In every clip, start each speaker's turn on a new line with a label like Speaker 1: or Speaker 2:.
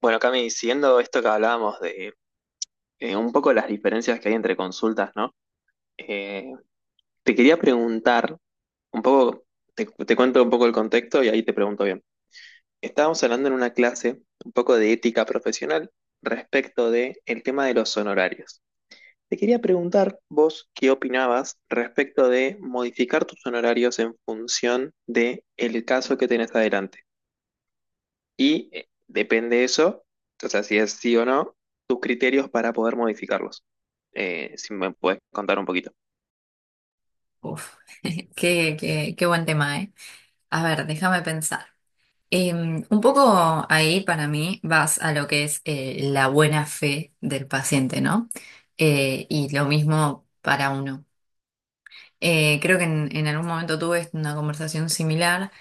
Speaker 1: Bueno, Cami, siguiendo esto que hablábamos de un poco las diferencias que hay entre consultas, ¿no? Eh, te quería preguntar, un poco, te cuento un poco el contexto y ahí te pregunto bien. Estábamos hablando en una clase un poco de ética profesional respecto de el tema de los honorarios. Te quería preguntar vos qué opinabas respecto de modificar tus honorarios en función de el caso que tenés adelante. Y depende de eso, o sea, si es sí o no, tus criterios para poder modificarlos. Si me puedes contar un poquito.
Speaker 2: Uf, qué buen tema, ¿eh? A ver, déjame pensar. Un poco ahí para mí vas a lo que es la buena fe del paciente, ¿no? Y lo mismo para uno. Creo que en algún momento tuve una conversación similar.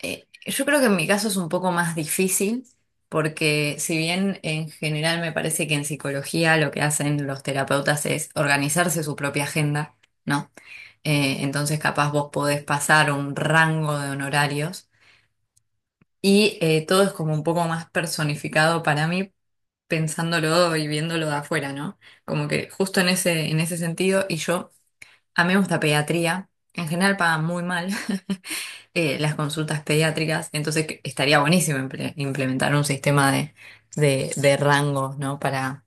Speaker 2: Yo creo que en mi caso es un poco más difícil porque si bien en general me parece que en psicología lo que hacen los terapeutas es organizarse su propia agenda, ¿no? Entonces capaz vos podés pasar un rango de honorarios y todo es como un poco más personificado para mí pensándolo y viéndolo de afuera, ¿no? Como que justo en ese sentido y yo, a mí me gusta pediatría, en general pagan muy mal, las consultas pediátricas, entonces estaría buenísimo implementar un sistema de rangos, ¿no?,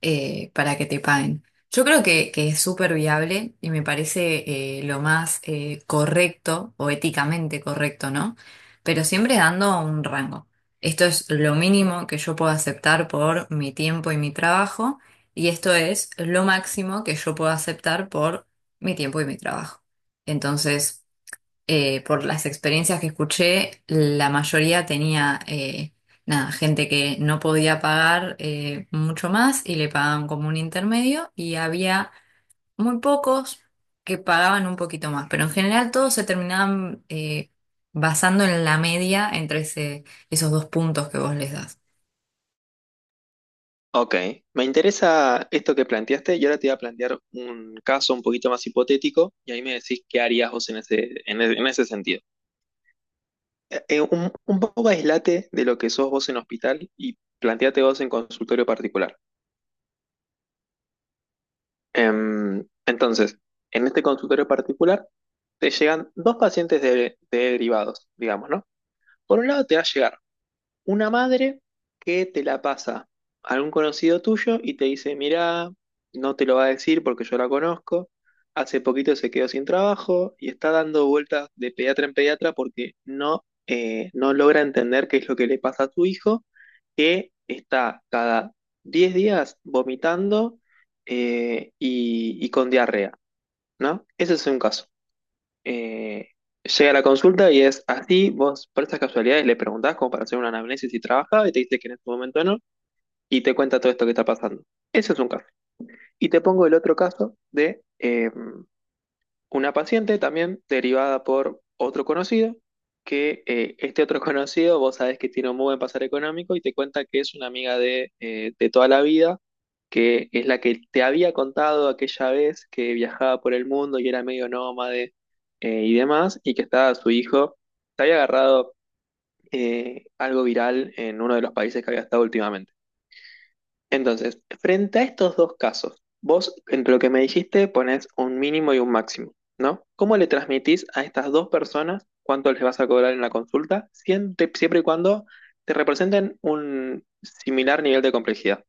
Speaker 2: para que te paguen. Yo creo que es súper viable y me parece lo más correcto o éticamente correcto, ¿no? Pero siempre dando un rango. Esto es lo mínimo que yo puedo aceptar por mi tiempo y mi trabajo y esto es lo máximo que yo puedo aceptar por mi tiempo y mi trabajo. Entonces por las experiencias que escuché, la mayoría tenía nada, gente que no podía pagar mucho más y le pagaban como un intermedio y había muy pocos que pagaban un poquito más, pero en general todos se terminaban basando en la media entre esos dos puntos que vos les das.
Speaker 1: Ok, me interesa esto que planteaste y ahora te voy a plantear un caso un poquito más hipotético y ahí me decís qué harías vos en ese, en ese sentido. Un poco aislate de lo que sos vos en hospital y planteate vos en consultorio particular. Em, entonces, en este consultorio particular te llegan dos pacientes derivados, digamos, ¿no? Por un lado te va a llegar una madre que te la pasa a algún conocido tuyo y te dice, mirá, no te lo va a decir porque yo la conozco, hace poquito se quedó sin trabajo y está dando vueltas de pediatra en pediatra porque no, no logra entender qué es lo que le pasa a tu hijo, que está cada 10 días vomitando y con diarrea, ¿no? Ese es un caso eh, llega a la consulta y es así, vos por esas casualidades le preguntás como para hacer una anamnesis si trabajaba y te dice que en este momento no, y te cuenta todo esto que está pasando. Ese es un caso. Y te pongo el otro caso de, una paciente también derivada por otro conocido, que este otro conocido, vos sabés que tiene un muy buen pasar económico y te cuenta que es una amiga de toda la vida, que es la que te había contado aquella vez que viajaba por el mundo y era medio nómade y demás, y que estaba su hijo, te había agarrado algo viral en uno de los países que había estado últimamente. Entonces, frente a estos dos casos, vos entre lo que me dijiste ponés un mínimo y un máximo, ¿no? ¿Cómo le transmitís a estas dos personas cuánto les vas a cobrar en la consulta, siempre, siempre y cuando te representen un similar nivel de complejidad?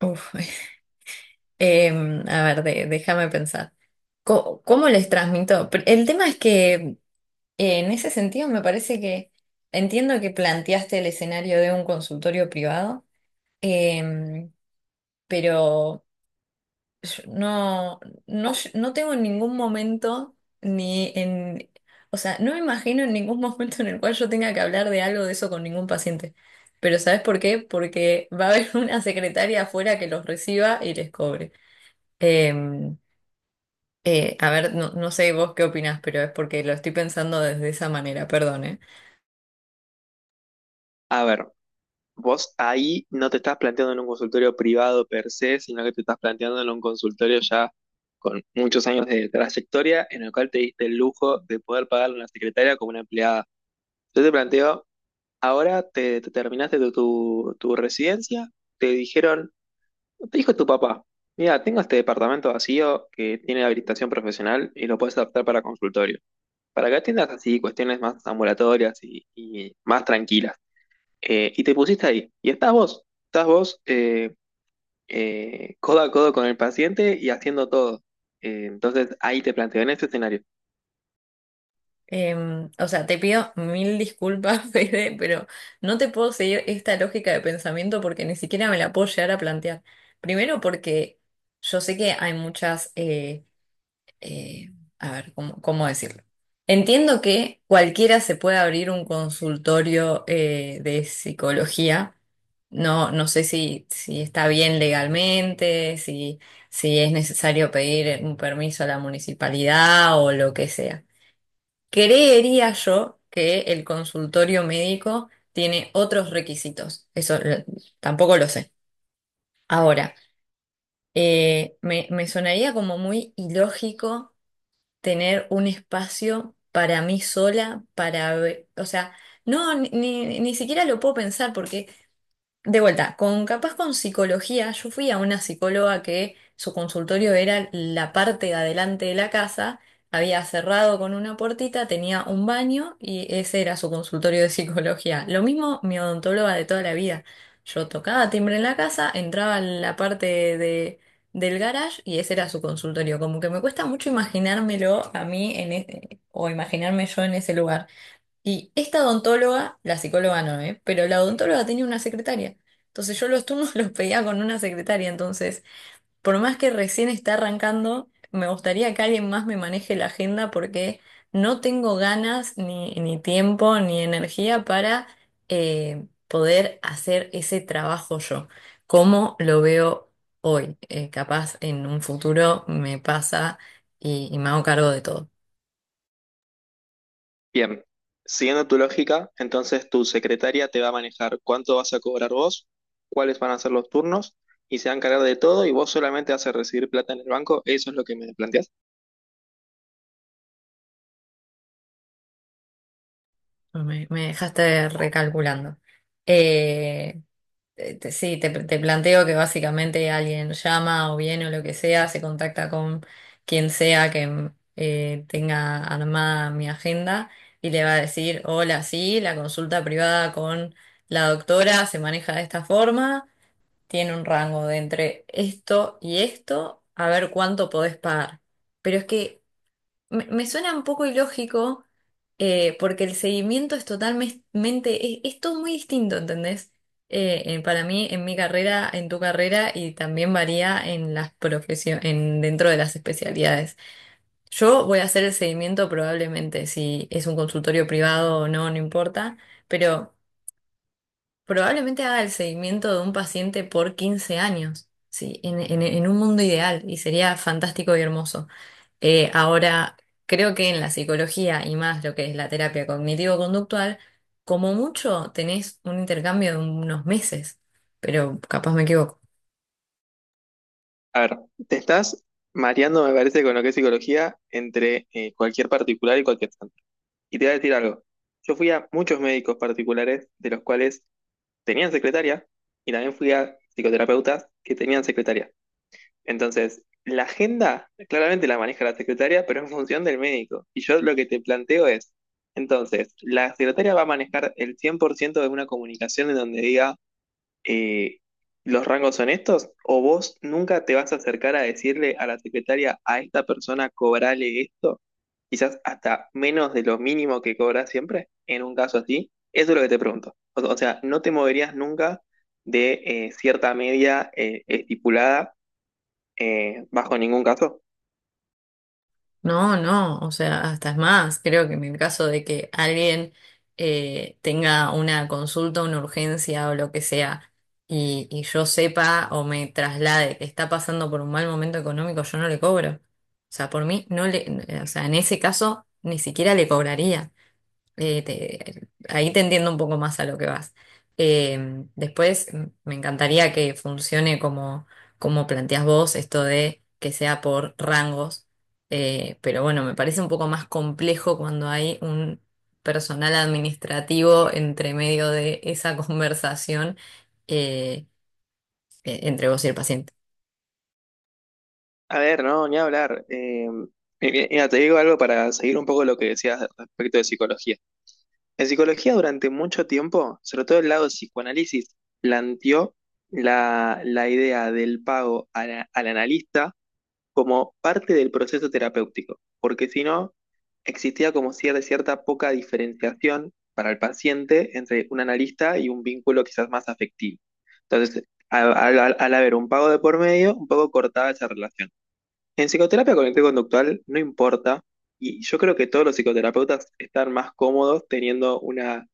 Speaker 2: Uf, a ver, déjame pensar. ¿Cómo les transmito? El tema es que en ese sentido, me parece que entiendo que planteaste el escenario de un consultorio privado, em, pero yo no tengo en ningún momento ni en, o sea, no me imagino en ningún momento en el cual yo tenga que hablar de algo de eso con ningún paciente. Pero ¿sabes por qué? Porque va a haber una secretaria afuera que los reciba y les cobre. Em, a ver, no, no sé vos qué opinás, pero es porque lo estoy pensando desde esa manera, perdón, ¿eh?
Speaker 1: A ver, vos ahí no te estás planteando en un consultorio privado per se, sino que te estás planteando en un consultorio ya con muchos años de trayectoria en el cual te diste el lujo de poder pagarle a una secretaria como una empleada. Yo te planteo. Ahora te terminaste tu residencia, te dijeron, te dijo tu papá, mira, tengo este departamento vacío que tiene habilitación profesional y lo puedes adaptar para consultorio, para que atiendas así cuestiones más ambulatorias y más tranquilas. Y te pusiste ahí, y estás vos codo a codo con el paciente y haciendo todo. Entonces ahí te planteo en este escenario.
Speaker 2: O sea, te pido mil disculpas, Fede, pero no te puedo seguir esta lógica de pensamiento porque ni siquiera me la puedo llegar a plantear. Primero porque yo sé que hay muchas, eh, a ver, ¿cómo, cómo decirlo? Entiendo que cualquiera se puede abrir un consultorio de psicología. No, no sé si está bien legalmente, si, si es necesario pedir un permiso a la municipalidad o lo que sea. Creería yo que el consultorio médico tiene otros requisitos. Eso tampoco lo sé. Ahora, me sonaría como muy ilógico tener un espacio para mí sola, para o sea, no, ni siquiera lo puedo pensar porque de vuelta, con capaz con psicología, yo fui a una psicóloga que su consultorio era la parte de adelante de la casa, había cerrado con una puertita, tenía un baño y ese era su consultorio de psicología. Lo mismo mi odontóloga de toda la vida. Yo tocaba timbre en la casa, entraba en la parte de, del garage y ese era su consultorio. Como que me cuesta mucho imaginármelo a mí en o imaginarme yo en ese lugar. Y esta odontóloga, la psicóloga no, ¿eh? Pero la odontóloga tenía una secretaria. Entonces yo los turnos los pedía con una secretaria. Entonces, por más que recién está arrancando, me gustaría que alguien más me maneje la agenda porque no tengo ganas, ni tiempo, ni energía para poder hacer ese trabajo yo, como lo veo hoy. Capaz en un futuro me pasa y me hago cargo de todo.
Speaker 1: Bien, siguiendo tu lógica, entonces tu secretaria te va a manejar cuánto vas a cobrar vos, cuáles van a ser los turnos y se va a encargar de todo y vos solamente vas a recibir plata en el banco. Eso es lo que me planteas.
Speaker 2: Pues me dejaste recalculando. Eh, sí, te planteo que básicamente alguien llama o viene o lo que sea, se contacta con quien sea que tenga armada mi agenda y le va a decir, hola, sí, la consulta privada con la doctora se maneja de esta forma, tiene un rango de entre esto y esto, a ver cuánto podés pagar. Pero es que me suena un poco ilógico porque el seguimiento es totalmente, es todo muy distinto, ¿entendés? Para mí, en mi carrera, en tu carrera y también varía en las profesiones, en, dentro de las especialidades. Yo voy a hacer el seguimiento probablemente, si es un consultorio privado o no, no importa, pero probablemente haga el seguimiento de un paciente por 15 años, sí, en, en un mundo ideal y sería fantástico y hermoso. Ahora, creo que en la psicología y más lo que es la terapia cognitivo-conductual, como mucho tenés un intercambio de unos meses, pero capaz me equivoco.
Speaker 1: A ver, te estás mareando, me parece, con lo que es psicología entre cualquier particular y cualquier santo. Y te voy a decir algo. Yo fui a muchos médicos particulares de los cuales tenían secretaria y también fui a psicoterapeutas que tenían secretaria. Entonces, la agenda claramente la maneja la secretaria, pero en función del médico. Y yo lo que te planteo es, entonces, la secretaria va a manejar el 100% de una comunicación en donde diga, eh, los rangos son estos, o vos nunca te vas a acercar a decirle a la secretaria, a esta persona cobrale esto, quizás hasta menos de lo mínimo que cobras siempre, en un caso así. Eso es lo que te pregunto. O sea, no te moverías nunca de cierta media estipulada bajo ningún caso.
Speaker 2: No, no, o sea, hasta es más, creo que en el caso de que alguien tenga una consulta, una urgencia o lo que sea, y yo sepa o me traslade que está pasando por un mal momento económico, yo no le cobro. O sea, por mí, no le, o sea, en ese caso, ni siquiera le cobraría. Ahí te entiendo un poco más a lo que vas. Después me encantaría que funcione como, como planteas vos, esto de que sea por rangos. Pero bueno, me parece un poco más complejo cuando hay un personal administrativo entre medio de esa conversación eh, entre vos y el paciente.
Speaker 1: A ver, no, ni hablar. Mira, te digo algo para seguir un poco lo que decías respecto de psicología. En psicología durante mucho tiempo, sobre todo el lado de psicoanálisis, planteó la idea del pago al analista como parte del proceso terapéutico, porque si no, existía como cierta, cierta poca diferenciación para el paciente entre un analista y un vínculo quizás más afectivo. Entonces, al, al haber un pago de por medio, un poco cortaba esa relación. En psicoterapia cognitivo-conductual no importa, y yo creo que todos los psicoterapeutas están más cómodos teniendo una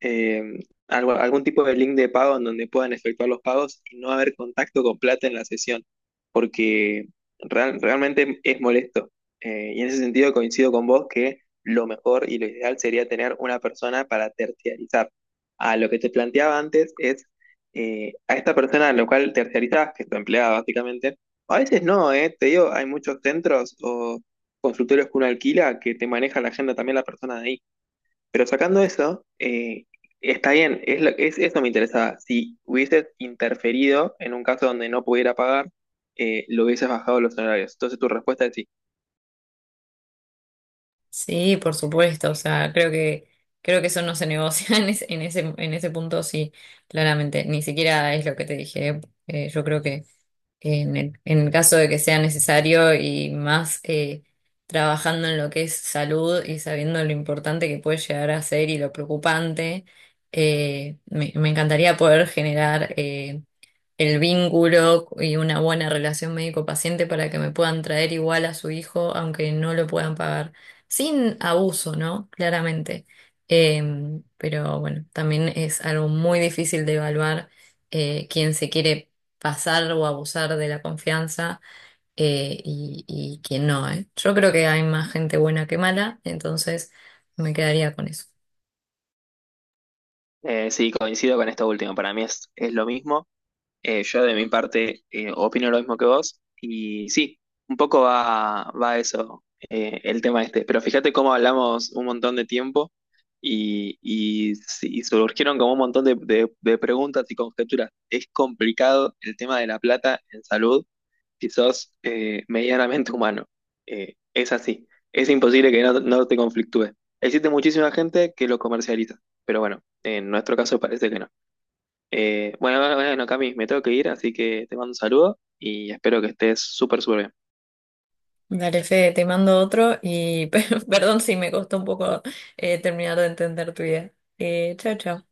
Speaker 1: eh, algún tipo de link de pago en donde puedan efectuar los pagos y no haber contacto con plata en la sesión, porque realmente es molesto. Y en ese sentido coincido con vos que lo mejor y lo ideal sería tener una persona para terciarizar. A lo que te planteaba antes es a esta persona a la cual terciarizás, que es tu empleada básicamente, a veces no, te digo, hay muchos centros o consultorios que uno alquila que te maneja la agenda también la persona de ahí. Pero sacando eso, está bien, eso me interesaba. Si hubieses interferido en un caso donde no pudiera pagar, lo hubieses bajado los salarios. Entonces tu respuesta es sí.
Speaker 2: Sí, por supuesto, o sea, creo que eso no se negocia en ese punto, sí, claramente, ni siquiera es lo que te dije, yo creo que en en el caso de que sea necesario y más trabajando en lo que es salud y sabiendo lo importante que puede llegar a ser y lo preocupante, me encantaría poder generar el vínculo y una buena relación médico-paciente para que me puedan traer igual a su hijo, aunque no lo puedan pagar, sin abuso, ¿no? Claramente. Pero bueno, también es algo muy difícil de evaluar quién se quiere pasar o abusar de la confianza y quién no, ¿eh? Yo creo que hay más gente buena que mala, entonces me quedaría con eso.
Speaker 1: Sí, coincido con esto último. Para mí es lo mismo. Yo de mi parte opino lo mismo que vos y sí, un poco va, va a eso el tema este, pero fíjate cómo hablamos un montón de tiempo y sí, y surgieron como un montón de, de preguntas y conjeturas. Es complicado el tema de la plata en salud si sos medianamente humano. Es así, es imposible que no, no te conflictúe. Existe muchísima gente que lo comercializa, pero bueno, en nuestro caso parece que no. Bueno, bueno, bueno, Cami, me tengo que ir, así que te mando un saludo y espero que estés súper, súper bien.
Speaker 2: Dale, Fede, te mando otro y, perdón si me costó un poco terminar de entender tu idea. Chao, chao.